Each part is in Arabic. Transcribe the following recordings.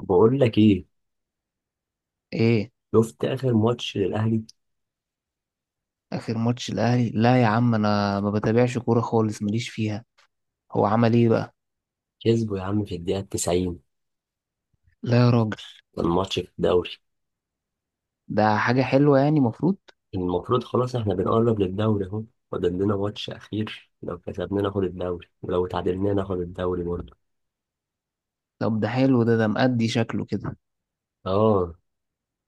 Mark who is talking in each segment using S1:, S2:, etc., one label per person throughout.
S1: بقول لك ايه؟
S2: ايه.
S1: شفت اخر ماتش للاهلي؟
S2: اخر ماتش الاهلي؟ لا يا عم، انا ما بتابعش كوره خالص، ماليش فيها. هو عمل ايه بقى؟
S1: كسبه يا عم في الدقيقه 90.
S2: لا يا راجل.
S1: كان ماتش في الدوري.
S2: ده حاجه حلوه يعني، مفروض.
S1: المفروض خلاص احنا بنقرب للدوري اهو. فاضل لنا ماتش اخير، لو كسبنا ناخد الدوري ولو تعادلنا ناخد الدوري برضه.
S2: طب ده حلو، ده مأدي شكله كده.
S1: اه،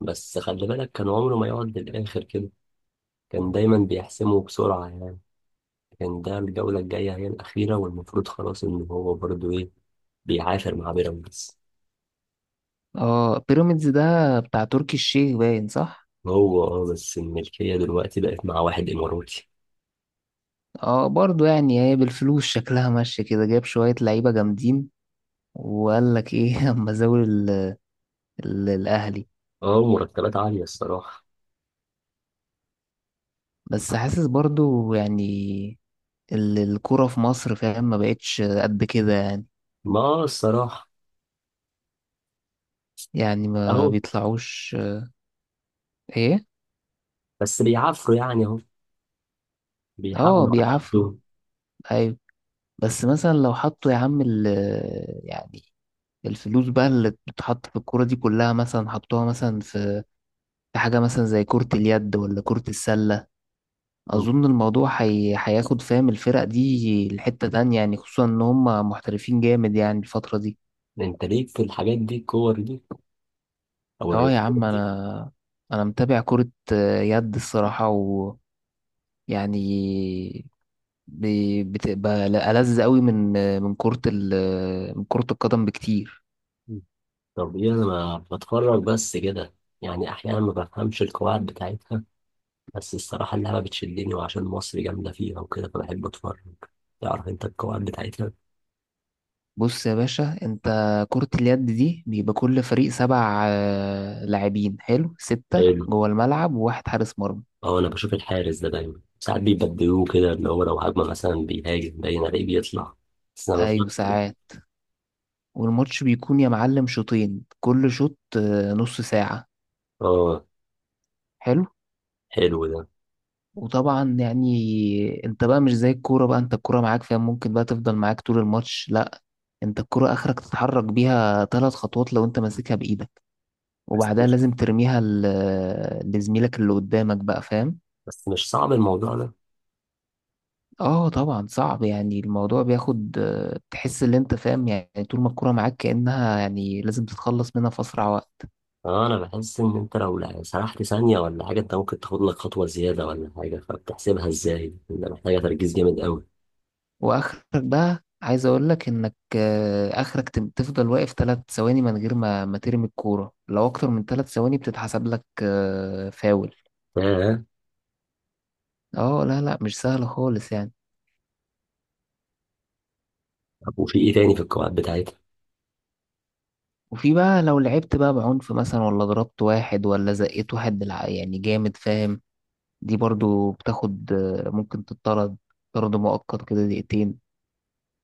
S1: بس خلي بالك كان عمره ما يقعد للاخر كده. كان دايما بيحسمه بسرعه يعني. كان ده الجوله الجايه هي الاخيره، والمفروض خلاص ان هو برضه ايه، بيعافر مع بيراميدز.
S2: اه بيراميدز ده بتاع تركي الشيخ، باين صح.
S1: هو اه، بس الملكيه دلوقتي بقت مع واحد اماراتي.
S2: اه برضو يعني هي بالفلوس شكلها ماشيه كده، جاب شويه لعيبه جامدين. وقال لك ايه؟ اما زاول الاهلي.
S1: اه، مرتبات عاليه الصراحه.
S2: بس حاسس برضو يعني الكوره في مصر، فاهم، ما بقتش قد كده يعني.
S1: ما الصراحة
S2: يعني ما
S1: أهو.
S2: بيطلعوش. ايه.
S1: بيعافروا يعني أهو،
S2: اه
S1: بيحاولوا على
S2: بيعافروا.
S1: قدهم.
S2: ايوه. بس مثلا لو حطوا يا عم ال، يعني الفلوس بقى اللي بتتحط في الكورة دي كلها، مثلا حطوها مثلا في حاجة مثلا زي كرة اليد ولا كرة السلة.
S1: مم.
S2: أظن الموضوع هياخد، فاهم، الفرق دي لحتة تانية يعني، خصوصا إن هم محترفين جامد يعني الفترة دي.
S1: أنت ليك في الحاجات دي، الكور دي أو
S2: اه يا
S1: الرياضات
S2: عم.
S1: دي؟
S2: أنا متابع كرة يد الصراحة، ويعني بتبقى ألذ قوي من كرة من كرة القدم بكتير.
S1: مم. طب إيه، أنا ما بتفرج بس كده، يعني أحيانا ما بفهمش القواعد بتاعتها. بس الصراحة اللعبة بتشدني، وعشان مصر جامدة فيها وكده فبحب أتفرج. تعرف أنت القواعد بتاعتها؟
S2: بص يا باشا، انت كرة اليد دي بيبقى كل فريق سبع، لاعبين، حلو، ستة
S1: حلو.
S2: جوه الملعب وواحد حارس مرمى.
S1: أه، أنا بشوف الحارس ده دايما، ساعات بيبدلوه كده، اللي هو لو هجمة مثلا بيهاجم باين عليه بيطلع. بس أنا
S2: ايوه
S1: بفهم كده.
S2: ساعات. والماتش بيكون يا معلم شوطين، كل شوط نص ساعة.
S1: أه،
S2: حلو.
S1: حلو ده.
S2: وطبعا يعني انت بقى مش زي الكورة بقى، انت الكورة معاك فيها ممكن بقى تفضل معاك طول الماتش، لا، انت الكورة اخرك تتحرك بيها ثلاث خطوات لو انت ماسكها بايدك،
S1: بس
S2: وبعدها لازم ترميها لزميلك اللي قدامك بقى، فاهم.
S1: بس مش صعب الموضوع ده؟
S2: اه طبعا صعب يعني، الموضوع بياخد، تحس ان انت فاهم يعني، طول ما الكرة معاك كأنها يعني لازم تتخلص منها في اسرع وقت.
S1: اه، انا بحس ان انت لو سرحت ثانية ولا حاجة، انت ممكن تاخد لك خطوة زيادة ولا حاجة، فبتحسبها ازاي؟ انت محتاجة تركيز جامد قوي.
S2: واخرك بقى عايز اقول لك انك، اخرك تفضل واقف ثلاث ثواني من غير ما ترمي الكورة، لو اكتر من ثلاث ثواني بتتحسب لك فاول.
S1: اه.
S2: اه لا لا، مش سهل خالص يعني.
S1: طب وفي ايه تاني في القواعد بتاعتها؟
S2: وفي بقى لو لعبت بقى بعنف مثلا، ولا ضربت واحد، ولا زقيت واحد يعني جامد، فاهم، دي برضو بتاخد، ممكن تطرد، طرد مؤقت كده دقيقتين.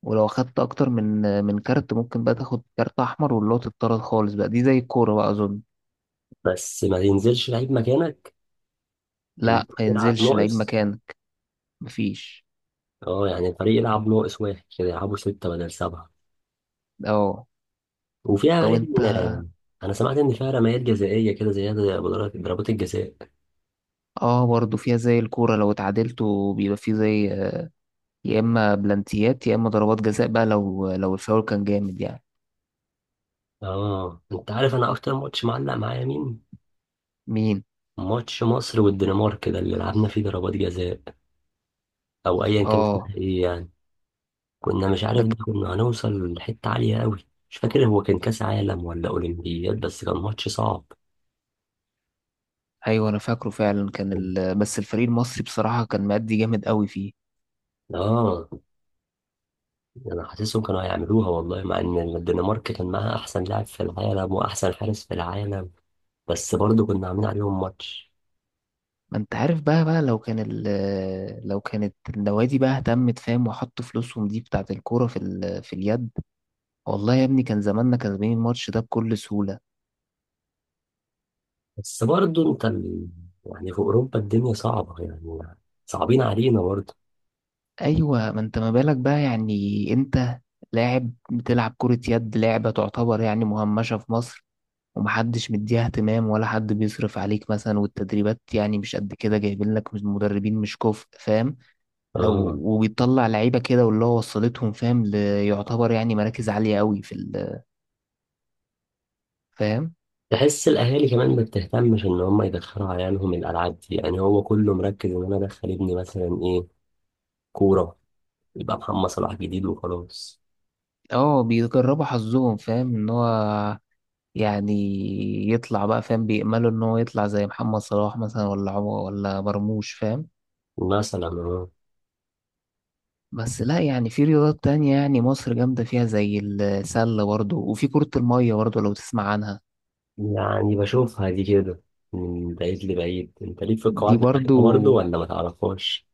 S2: ولو اخدت اكتر من كارت، ممكن بقى تاخد كارت احمر، واللي هو تتطرد خالص بقى، دي زي الكوره بقى اظن.
S1: بس ما ينزلش لعيب مكانك؟ اللي
S2: لا ما
S1: بيلعب
S2: ينزلش لعيب
S1: ناقص؟
S2: مكانك. مفيش.
S1: اه، يعني الفريق يلعب ناقص واحد كده، يلعبوا ستة بدل سبعة.
S2: اه. طب
S1: وفيها
S2: انت.
S1: ان انا سمعت ان فيها رميات جزائية كده زيادة، زي ضربات الجزاء.
S2: اه برضه فيها زي الكوره، لو اتعادلتوا بيبقى فيه زي يا اما بلانتيات يا اما ضربات جزاء بقى، لو الفاول كان جامد يعني.
S1: اه، انت عارف انا اكتر ماتش معلق معايا مين؟
S2: مين؟
S1: ماتش مصر والدنمارك ده اللي لعبنا فيه ضربات جزاء، او ايا كان
S2: اه.
S1: اسمها ايه يعني. كنا مش
S2: ده
S1: عارف،
S2: ك-
S1: ده كنا هنوصل لحته عاليه قوي. مش فاكر هو كان كاس عالم ولا اولمبياد، بس كان ماتش صعب.
S2: ايوه انا فاكره فعلا، كان بس الفريق المصري بصراحه كان مادي جامد قوي فيه.
S1: اه، انا حاسسهم كانوا هيعملوها والله، مع ان الدنمارك كان معاها احسن لاعب في العالم واحسن حارس في العالم. بس برضه كنا عاملين عليهم ماتش.
S2: ما انت عارف بقى بقى، لو كانت النوادي بقى اهتمت فاهم، وحطوا فلوسهم دي بتاعت الكورة في في اليد، والله يا ابني كان زماننا كسبانين الماتش ده بكل سهولة.
S1: بس برضه انت يعني في اوروبا الدنيا صعبه يعني، صعبين علينا برضه.
S2: ايوه، ما انت ما بالك بقى يعني، انت لاعب بتلعب كرة يد، لعبة تعتبر يعني مهمشة في مصر، ومحدش مديها اهتمام، ولا حد بيصرف عليك مثلا، والتدريبات يعني مش قد كده، جايبين لك مدربين مش كفء، فاهم، لو.
S1: اه،
S2: وبيطلع لعيبة كده واللي هو وصلتهم فاهم، ليعتبر يعني مراكز عالية قوي في فاهم.
S1: بحس الاهالي كمان ما بتهتمش ان هم يدخلوا عيالهم الالعاب دي، يعني هو كله مركز ان انا ادخل ابني مثلا ايه، كوره، يبقى محمد صلاح جديد وخلاص.
S2: اه بيجربوا حظهم فاهم ان هو يعني يطلع بقى، فاهم، بيأملوا ان هو يطلع زي محمد صلاح مثلا، ولا عمر، ولا مرموش، فاهم.
S1: مثلا أهو.
S2: بس لا يعني في رياضات تانية يعني مصر جامدة فيها، زي السلة برضو، وفي كرة المية برضو لو تسمع عنها.
S1: يعني بشوفها دي كده من بعيد لبعيد. انت ليك في
S2: دي
S1: القواعد
S2: برضو
S1: بتاعتها برضه ولا ما تعرفهاش؟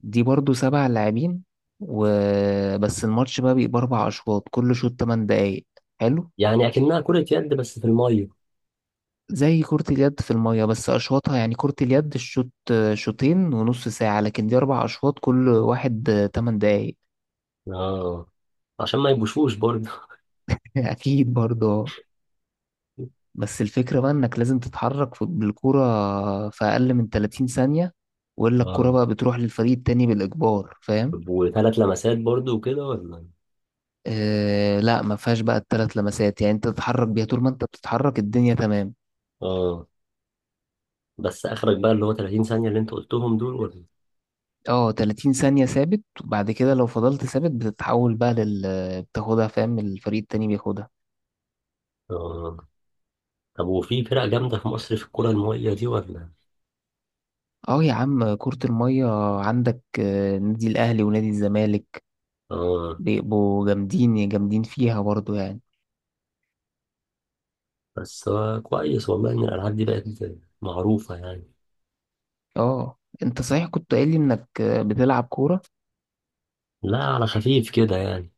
S2: دي برضو سبع لاعبين وبس. الماتش بقى بيبقى أربع أشواط، كل شوط تمن دقايق. حلو.
S1: يعني اكنها كره يد بس في الميه.
S2: زي كرة اليد في المية، بس أشواطها يعني كرة اليد الشوط شوطين ونص ساعة، لكن دي أربع أشواط كل واحد تمن دقايق.
S1: اه، عشان ما يبوشوش برضه.
S2: أكيد برضه. بس الفكرة بقى إنك لازم تتحرك بالكرة في أقل من 30 ثانية، وإلا الكرة
S1: اه.
S2: بقى بتروح للفريق التاني بالإجبار، فاهم؟
S1: طب وثلاث لمسات برضه وكده ولا؟
S2: آه لا، ما فيهاش بقى التلات لمسات يعني، أنت تتحرك بيها طول ما أنت بتتحرك الدنيا تمام.
S1: اه. بس اخرك بقى اللي هو 30 ثانيه اللي انت قلتهم دول ولا؟
S2: اه، 30 ثانية ثابت، وبعد كده لو فضلت ثابت بتتحول بقى لل، بتاخدها فاهم، الفريق التاني بياخدها.
S1: اه. طب وفي فرق جامدة في مصر في الكرة المائية دي ولا؟
S2: اه يا عم كرة المية، عندك نادي الأهلي ونادي الزمالك،
S1: آه.
S2: بيبقوا جامدين جامدين فيها برضو يعني.
S1: بس هو كويس والله إن الألعاب دي بقت معروفة يعني.
S2: اه، انت صحيح كنت قايل لي انك بتلعب كورة.
S1: لا، على خفيف كده يعني.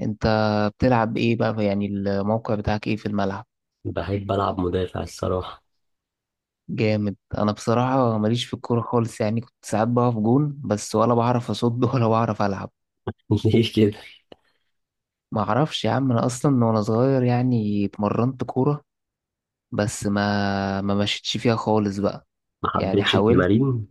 S2: انت بتلعب ايه بقى يعني؟ الموقع بتاعك ايه في الملعب؟
S1: بحب ألعب مدافع الصراحة.
S2: جامد. انا بصراحة ماليش في الكورة خالص يعني، كنت ساعات بقف جون بس، ولا بعرف اصد ولا بعرف العب.
S1: ليه كده؟
S2: ما اعرفش يا عم، انا اصلا وانا صغير يعني اتمرنت كورة، بس ما مشيتش فيها خالص بقى.
S1: ما
S2: يعني
S1: حبيتش
S2: حاولت.
S1: التمارين.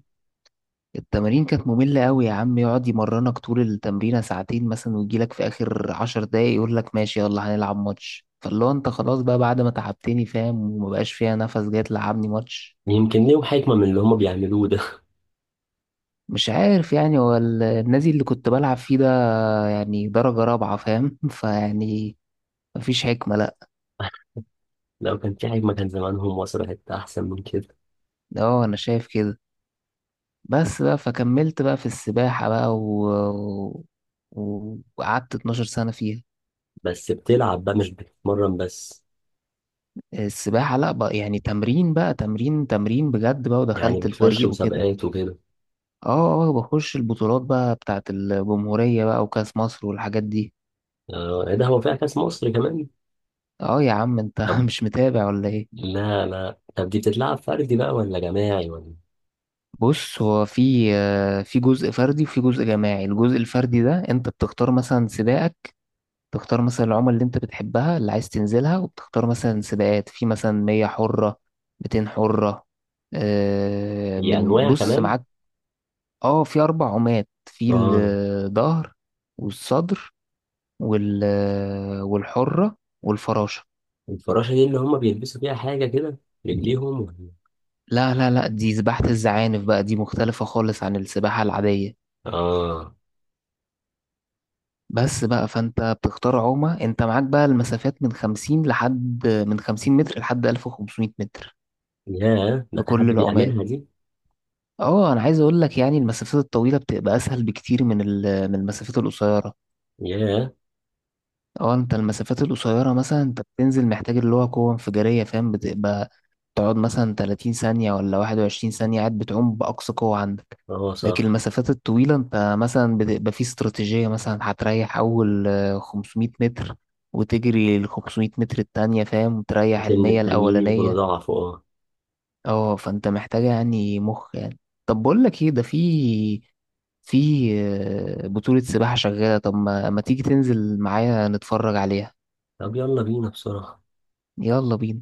S2: التمارين كانت مملة قوي يا عم، يقعد يمرنك طول التمرينة ساعتين مثلا، ويجيلك في آخر عشر دقايق يقول لك ماشي يلا هنلعب ماتش، فاللي هو انت خلاص بقى بعد ما تعبتني فاهم، ومبقاش فيها نفس جاي تلعبني ماتش.
S1: يمكن ليهم حكمة من اللي هما بيعملوه ده.
S2: مش عارف يعني، هو النادي اللي كنت بلعب فيه ده يعني درجة رابعة فاهم، فيعني مفيش حكمة لأ.
S1: لو كان في حكمة كان زمانهم وصلوا حتة أحسن من كده.
S2: اه أنا شايف كده. بس بقى فكملت بقى في السباحة بقى وقعدت 12 سنة فيها.
S1: بس بتلعب بقى مش بتتمرن بس؟
S2: السباحة لا بقى يعني تمرين بقى، تمرين تمرين بجد بقى،
S1: يعني
S2: ودخلت
S1: بتخش
S2: الفريق وكده.
S1: مسابقات وكده؟
S2: اه اه، بخش البطولات بقى بتاعت الجمهورية بقى، وكأس مصر والحاجات دي.
S1: آه، إيه ده، هو فيها كأس مصر كمان؟
S2: اه يا عم انت
S1: طب،
S2: مش متابع ولا ايه؟
S1: لا لا، طب دي بتتلعب فردي بقى ولا جماعي ولا؟
S2: بص، هو في في جزء فردي وفي جزء جماعي. الجزء الفردي ده انت بتختار مثلا سباقك، تختار مثلا العمل اللي انت بتحبها اللي عايز تنزلها، وبتختار مثلا سباقات في مثلا 100 حرة، 200 حرة،
S1: هي
S2: من،
S1: انواع
S2: بص
S1: كمان؟
S2: معاك. اه، في اربع عمات، في
S1: اه.
S2: الظهر، والصدر، وال والحرة، والفراشة.
S1: الفراشه دي اللي هم بيلبسوا فيها حاجه كده، رجليهم ولا-؟
S2: لا لا لا، دي سباحة الزعانف بقى، دي مختلفة خالص عن السباحة العادية.
S1: اه.
S2: بس بقى فانت بتختار عومة، انت معاك بقى المسافات من خمسين، لحد خمسين متر لحد ألف وخمسمية متر،
S1: ياه، ده
S2: في
S1: في حد
S2: كل العومات.
S1: بيعملها دي؟
S2: اه انا عايز اقول لك يعني، المسافات الطويلة بتبقى اسهل بكتير من من المسافات القصيرة.
S1: ياه.
S2: اه، انت المسافات القصيرة مثلا انت بتنزل محتاج اللي هو قوة انفجارية، فاهم، بتبقى تقعد مثلا 30 ثانية ولا 21 ثانية قاعد بتعوم بأقصى قوة عندك.
S1: اه
S2: لكن
S1: صح.
S2: المسافات الطويلة انت مثلا بتبقى في استراتيجية، مثلا هتريح أول، 500 متر، وتجري ال 500 متر التانية فاهم، وتريح
S1: بحيث ان
S2: المية
S1: التانيين يكونوا
S2: الأولانية.
S1: ضعفوا، اه.
S2: اه فانت محتاجة يعني مخ يعني. طب بقول لك ايه، ده في في بطولة سباحة شغالة، طب ما تيجي تنزل معايا نتفرج عليها.
S1: طب يلا بينا بسرعه.
S2: يلا بينا.